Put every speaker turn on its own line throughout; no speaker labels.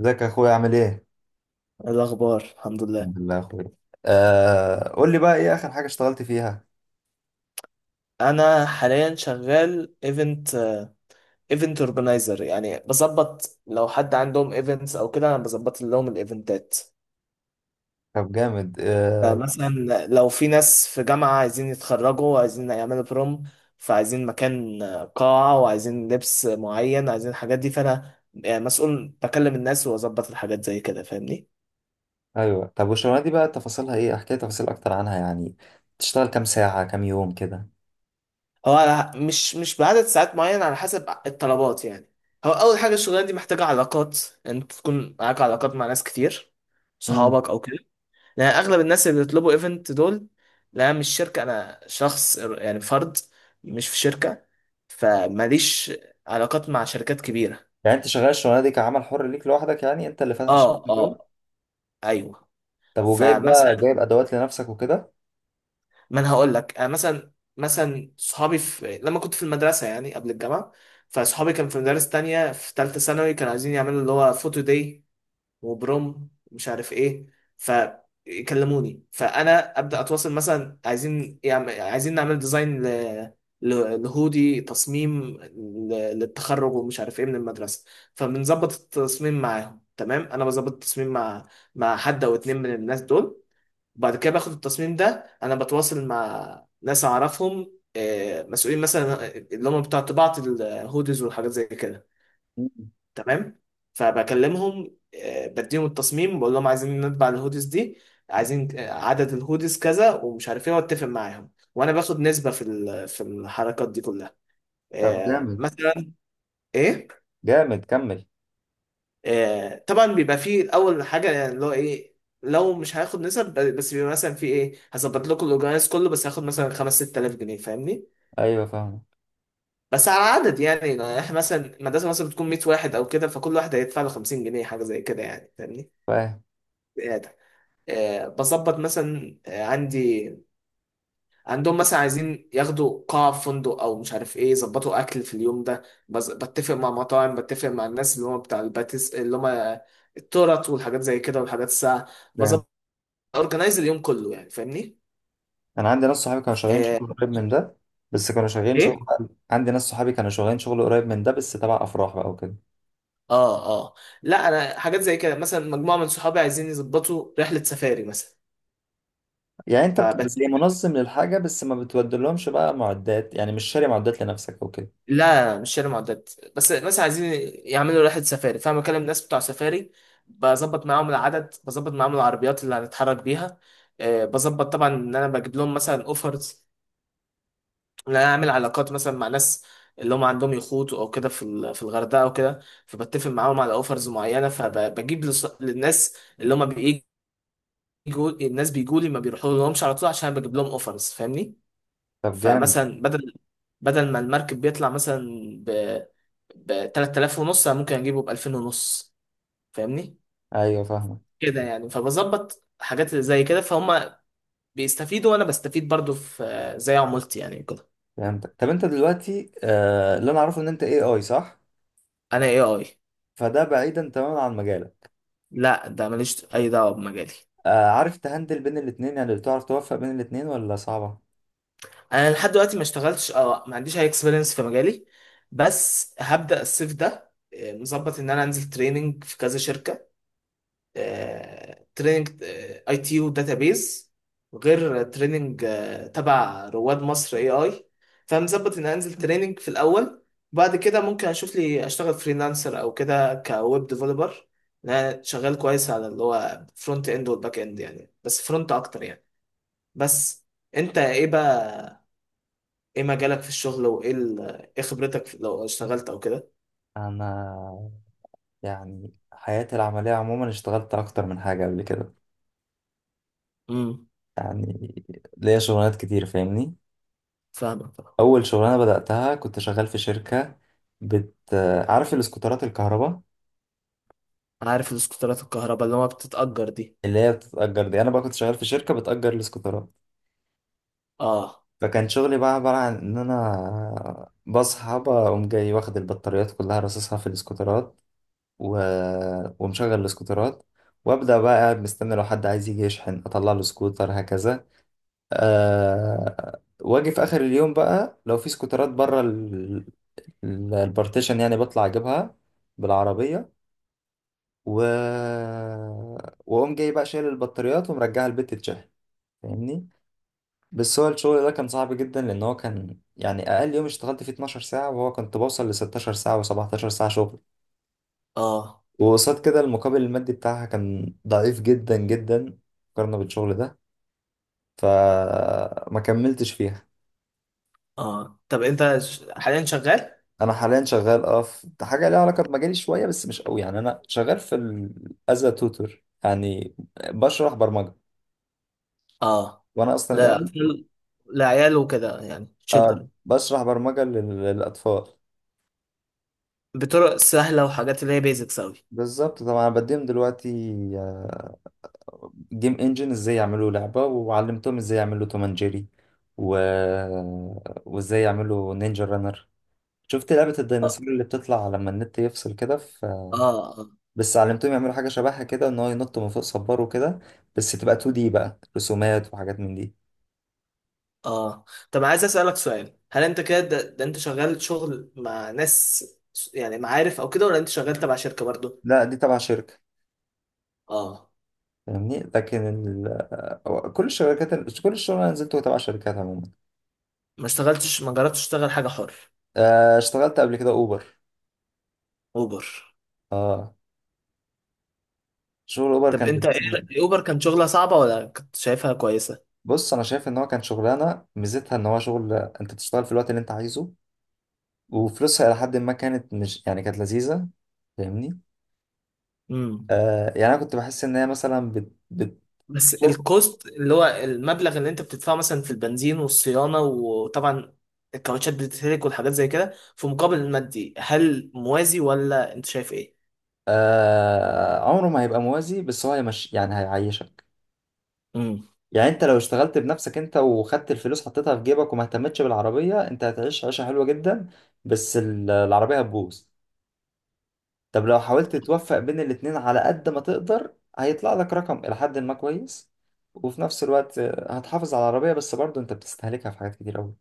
ازيك يا اخويا عامل ايه؟
إيه الأخبار. الحمد لله.
الحمد لله يا اخويا. آه، قول لي بقى ايه اخر حاجة اشتغلت فيها؟
أنا حاليا شغال ايفنت اورجنايزر، يعني بظبط لو حد عندهم ايفنتس أو كده أنا بظبط لهم الايفنتات.
طب جامد. آه،
فمثلا، لو في ناس في جامعة عايزين يتخرجوا وعايزين يعملوا بروم، فعايزين مكان، قاعة، وعايزين لبس معين، عايزين الحاجات دي، فأنا يعني مسؤول بكلم الناس وأظبط الحاجات زي كده. فاهمني؟
ايوه، طب والشغلانة دي بقى تفاصيلها ايه؟ احكي لي تفاصيل اكتر عنها يعني، بتشتغل كام ساعة كام يوم كده؟
هو مش بعدد ساعات معين، على حسب الطلبات يعني. هو اول حاجه الشغلانه دي محتاجه علاقات، يعني انت تكون معاك علاقات مع ناس كتير،
امم.
صحابك او كده، لان اغلب الناس اللي بيطلبوا ايفنت دول. لا، أنا مش شركه، انا شخص يعني فرد، مش في شركه، فماليش علاقات مع شركات كبيره.
يعني انت شغال الشغلانة دي كعمل حر ليك لوحدك، يعني انت اللي فاتح
اه،
الشغل.
اه، ايوه.
طب وجايب
فمثلا،
بقى، جايب ادوات لنفسك وكده؟
ما انا هقول لك، انا مثلا صحابي في لما كنت في المدرسه يعني قبل الجامعه، فصحابي كانوا في مدارس تانية، في ثالثه ثانوي، كانوا عايزين يعملوا اللي هو فوتو داي وبروم مش عارف ايه. فيكلموني، فانا ابدا اتواصل، مثلا عايزين، يعني عايزين نعمل ديزاين لهودي، تصميم للتخرج ومش عارف ايه من المدرسه. فبنظبط التصميم معاهم، تمام. انا بظبط التصميم مع حد او اتنين من الناس دول. وبعد كده باخد التصميم ده، انا بتواصل مع ناس اعرفهم مسؤولين مثلا، اللي هم بتوع طباعة الهودز والحاجات زي كده.
مم.
تمام، فبكلمهم، بديهم التصميم، بقول لهم عايزين نطبع الهودز دي، عايزين عدد الهودز كذا ومش عارف ايه، واتفق معاهم، وانا باخد نسبة في في الحركات دي كلها.
طب جامد.
مثلا. ايه؟
جامد، كمل.
طبعا بيبقى فيه اول حاجه يعني اللي هو ايه. لو مش هياخد نسب بس، بيبقى مثلا في ايه، هظبط لكم الاورجنايز كله بس هاخد مثلا 5 6000 جنيه. فاهمني؟
ايوه فاهم.
بس على عدد يعني، احنا مثلا المدرسه مثلا بتكون 100 واحد او كده، فكل واحد هيدفع له 50 جنيه، حاجه زي كده يعني. فاهمني؟
فاهم،
زياده. بظبط مثلا، عندهم مثلا عايزين ياخدوا قاعة في فندق أو مش عارف إيه، يظبطوا أكل في اليوم ده. بتفق مع مطاعم، بتفق مع الناس اللي هم بتاع الباتيس، اللي هم التورت والحاجات زي كده والحاجات الساقعة. اورجنايز اليوم كله يعني. فاهمني؟
انا عندي ناس صحابي كانوا شغالين
اه.
شغل قريب من ده بس كانوا شغالين شغل.
ايه.
عندي ناس صحابي كانوا شغالين شغل قريب من ده، بس تبع افراح بقى وكده.
اه. آه. لا، انا حاجات زي كده، مثلا مجموعه من صحابي عايزين يظبطوا رحله سفاري مثلا.
يعني انت بتبقى
فبت...
زي منظم للحاجه، بس ما بتودلهمش بقى معدات، يعني مش شاري معدات لنفسك او كده؟
لا، مش شاري معدات، بس مثلا عايزين يعملوا رحله سفاري، فانا بكلم ناس بتوع سفاري، بظبط معاهم العدد، بظبط معاهم العربيات اللي هنتحرك بيها. آه، بظبط طبعا ان انا بجيب لهم مثلا اوفرز، ان انا اعمل علاقات مثلا مع ناس اللي هم عندهم يخوت او كده في في الغردقه او كده. فبتفق معاهم على اوفرز معينه، فبجيب للناس اللي هم بيجوا، بيجوا الناس، بيجوا لي، ما بيروحوا لهمش على طول، عشان أنا بجيب لهم اوفرز. فاهمني؟
طب جامد.
فمثلا بدل ما المركب بيطلع مثلا ب ب 3000 ونص، أنا ممكن اجيبه ب 2000 ونص. فاهمني؟
ايوه فاهمك.
كده يعني، فبظبط حاجات اللي زي كده، فهم بيستفيدوا وانا بستفيد برضو، في زي عمولتي يعني كده.
فهمتك. طب انت دلوقتي، آه، اللي انا اعرفه ان انت اي اي، صح؟
انا اي اي.
فده بعيدا تماما عن مجالك.
لا، ده ماليش اي دعوه بمجالي.
آه، عارف تهندل بين الاتنين؟ يعني بتعرف توفق بين الاتنين ولا صعبه؟
انا لحد دلوقتي ما اشتغلتش، اه، ما عنديش اي اكسبيرينس في مجالي. بس هبدأ الصيف ده مظبط ان انا انزل تريننج في كذا شركة: تريننج اي تي يو داتابيز، غير تريننج تبع رواد مصر اي اي. فمظبط ان انزل تريننج في الاول، بعد كده ممكن اشوف لي اشتغل فريلانسر او كده، كويب ديفلوبر. انا شغال كويس على اللي هو فرونت اند والباك اند يعني، بس فرونت اكتر يعني. بس انت ايه بقى، ايه مجالك في الشغل، وايه ايه خبرتك لو اشتغلت او كده؟
انا، يعني حياتي العمليه عموما اشتغلت اكتر من حاجه قبل كده.
امم.
يعني ليا شغلانات كتير، فاهمني.
فاهمك.
اول شغلانه بداتها كنت شغال في شركه بت عارف الاسكوترات الكهرباء
عارف الاسكوترات الكهرباء اللي هو بتتأجر دي.
اللي هي بتتأجر دي؟ انا بقى كنت شغال في شركه بتأجر الاسكوترات.
اه.
فكان شغلي بقى عباره عن ان انا بصحى بقوم جاي واخد البطاريات كلها راصصها في الاسكوترات، و... ومشغل الاسكوترات، وابدا بقى قاعد مستني لو حد عايز يجي يشحن اطلع له سكوتر هكذا. واجي في اخر اليوم بقى لو في سكوترات بره البارتيشن، يعني بطلع اجيبها بالعربية، و واقوم جاي بقى شايل البطاريات ومرجعها البيت تتشحن، فاهمني. بس هو الشغل ده كان صعب جدا، لان هو كان يعني اقل يوم اشتغلت فيه 12 ساعة، وهو كنت بوصل ل 16 ساعة و17 ساعة شغل.
اه.
وقصاد كده المقابل المادي بتاعها كان ضعيف جدا جدا، مقارنة بالشغل ده، فما كملتش فيها.
اه، طب انت حاليا شغال؟
انا حاليا شغال، اه، في حاجه ليها علاقه بمجالي شويه بس مش قوي. يعني انا شغال في ال as a tutor، يعني بشرح برمجه،
اه.
وانا اصلا ايه،
لا. اه. لعيال وكده يعني، children.
اه، بشرح برمجه للاطفال
بطرق سهلة وحاجات اللي هي بيزكس أوي.
بالظبط. طبعا انا بديهم دلوقتي جيم انجن ازاي يعملوا لعبه، وعلمتهم ازاي يعملوا توم اند جيري، و... وازاي يعملوا نينجا رانر. شفت لعبه
اه.
الديناصور اللي بتطلع لما النت يفصل كده؟
اه. اه.
بس علمتهم يعملوا حاجة شبهها كده، ان هو ينط من فوق صبار وكده. بس تبقى 2 دي بقى رسومات وحاجات من دي.
اه، طب عايز أسألك سؤال: هل أنت كده ده أنت شغال شغل مع ناس، يعني معارف أو كده، ولا أنت شغال تبع شركة برضو؟
لا دي تبع شركة،
اه.
فاهمني. لكن كل الشركات، كل الشغل انا نزلته تبع شركات عموما.
ما اشتغلتش؟ ما جربتش تشتغل حاجة حر؟
آه، اشتغلت قبل كده اوبر.
أوبر.
اه، شغل اوبر
طب
كان
أنت
لذيذ أوي.
إيه أوبر، كان شغلها صعبة ولا كنت شايفها كويسة؟
بص، انا شايف ان هو كان شغلانة ميزتها ان هو شغل انت بتشتغل في الوقت اللي انت عايزه، وفلوسها الى حد ما كانت، مش يعني، كانت لذيذة، فاهمني.
امم.
آه يعني انا كنت بحس ان هي مثلا
بس
بت...
الكوست، اللي هو المبلغ اللي انت بتدفعه مثلا في البنزين والصيانة، وطبعا الكاوتشات بتتهلك والحاجات زي كده، في مقابل المادي، هل موازي ولا انت شايف ايه؟
آه عمره ما هيبقى موازي، بس هو هيمش يعني هيعيشك.
امم.
يعني انت لو اشتغلت بنفسك انت وخدت الفلوس حطيتها في جيبك وما اهتمتش بالعربية، انت هتعيش عيشة حلوة جدا، بس العربية هتبوظ. طب لو حاولت توفق بين الاتنين على قد ما تقدر، هيطلع لك رقم إلى حد ما كويس، وفي نفس الوقت آه، هتحافظ على العربية، بس برضه انت بتستهلكها في حاجات كتير أوي.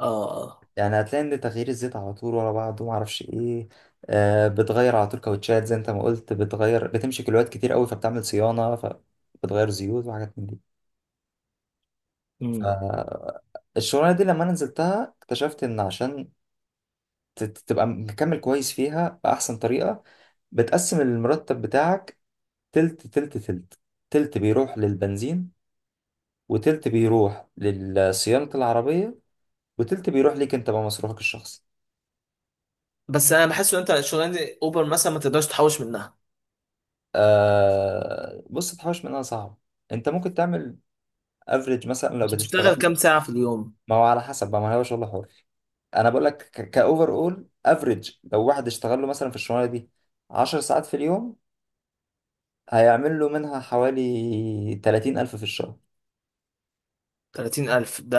اه. اه.
يعني هتلاقي ان تغيير الزيت على طول ورا بعض وما اعرفش ايه. آه بتغير على طول كاوتشات، زي انت ما قلت، بتغير بتمشي كيلوات كتير قوي، فبتعمل صيانه فبتغير زيوت وحاجات من دي.
امم،
فالشغلانه دي لما انا نزلتها اكتشفت ان عشان تبقى مكمل كويس فيها باحسن طريقه، بتقسم المرتب بتاعك تلت تلت تلت. تلت بيروح للبنزين، وتلت بيروح لصيانه العربيه، وتلت بيروح ليك انت بقى مصروفك الشخصي.
بس انا بحس ان انت الشغلانة دي اوبر مثلا ما تقدرش تحوش منها.
آه بص، تحوش منها صعب. انت ممكن تعمل افريج مثلا لو
انت
بتشتغل.
بتشتغل كام ساعة في اليوم؟
ما هو على حسب بقى، ما هو شغل حر. انا بقول لك كاوفر اول افريج، لو واحد اشتغل له مثلا في الشغلانه دي 10 ساعات في اليوم، هيعمل له منها حوالي 30 الف في الشهر.
30000 ده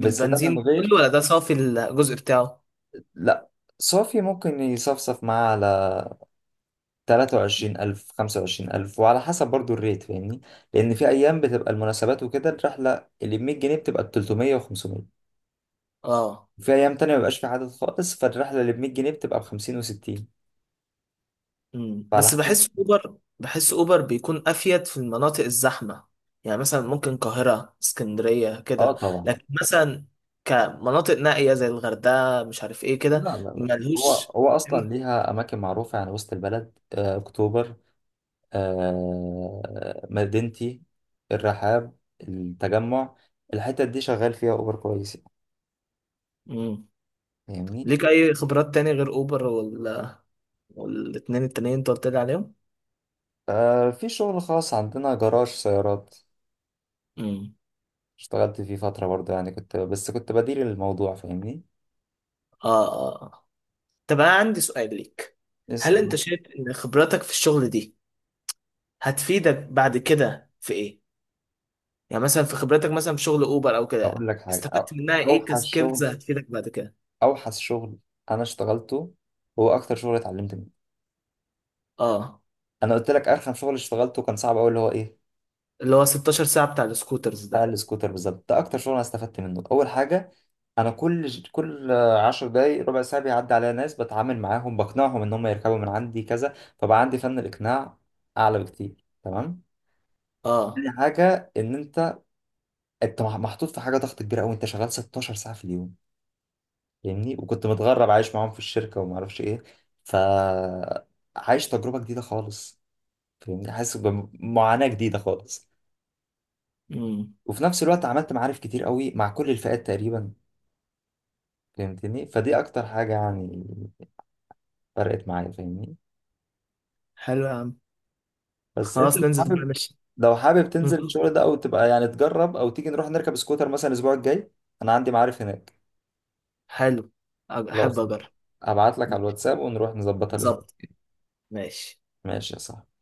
بس ده من غير،
كله، ولا ده صافي الجزء بتاعه؟
لا، صافي ممكن يصفصف معاه على 23 الف 25 الف، وعلى حسب برضو الريت، فاهمني. لان في ايام بتبقى المناسبات وكده الرحله اللي ب 100 جنيه بتبقى ب 300 و500.
اه.
في ايام تانية مبيبقاش في عدد خالص، فالرحلة اللي ب 100 جنيه بتبقى ب 50 و60،
مم.
فعلى
بس
حسب.
بحس اوبر بيكون افيد في المناطق الزحمه، يعني مثلا ممكن القاهره، اسكندريه
اه
كده.
طبعا.
لكن مثلا كمناطق نائيه زي الغردقه مش عارف ايه
لا،
كده،
لا، لا. هو
ملهوش.
هو اصلا ليها اماكن معروفة، يعني وسط البلد، آه، اكتوبر، آه، مدينتي، الرحاب، التجمع. الحتت دي شغال فيها اوبر كويس، يعني،
مم.
فاهمني.
ليك اي خبرات تاني غير اوبر، ولا والاتنين التانيين انت قلت لي عليهم؟
آه، في شغل خاص عندنا جراج سيارات.
مم.
اشتغلت فيه فترة برضه، يعني كنت، بس كنت بدير الموضوع، فاهمني.
اه. اه. آه. طب انا عندي سؤال ليك: هل انت
اسأل.
شايف ان خبراتك في الشغل دي هتفيدك بعد كده في ايه؟ يعني مثلا في خبرتك مثلا في شغل اوبر او كده،
اقول لك حاجة
استفدت منها ايه
اوحش شغل،
كسكيلز هتفيدك بعد كده؟
اوحش شغل انا اشتغلته، هو اكتر شغل اتعلمت منه.
اه،
انا قلت لك ارخم شغل اشتغلته كان صعب قوي، اللي هو ايه؟
اللي هو 16 ساعة بتاع السكوترز
بتاع
ده.
السكوتر بالظبط. ده اكتر شغل انا استفدت منه. اول حاجه، انا كل عشر دقايق ربع ساعه بيعدي عليا ناس، بتعامل معاهم بقنعهم ان هم يركبوا من عندي كذا، فبقى عندي فن الاقناع اعلى بكتير، تمام. تاني
اه.
حاجه ان انت محطوط في حاجه ضغط كبيره قوي، انت شغال 16 ساعه في اليوم، فاهمني، وكنت متغرب عايش معاهم في الشركه وما اعرفش ايه، ف عايش تجربة جديدة خالص، فاهمني، حاسس بمعاناة جديدة خالص.
امم.
وفي نفس الوقت عملت معارف كتير قوي مع كل الفئات تقريبا. فهمتني، فدي أكتر حاجة يعني فرقت معايا، فاهمني.
حلو يا عم.
بس أنت
خلاص،
لو
ننزل بقى،
حابب
ماشي.
لو حابب تنزل
ننزل.
الشغل ده أو تبقى يعني تجرب، أو تيجي نروح نركب سكوتر مثلا الأسبوع الجاي. أنا عندي معارف هناك.
حلو. احب
خلاص ماشي،
اجرب.
هبعت لك على الواتساب ونروح نظبطها الأسبوع.
بالظبط. ماشي.
ماشي يا صاحبي.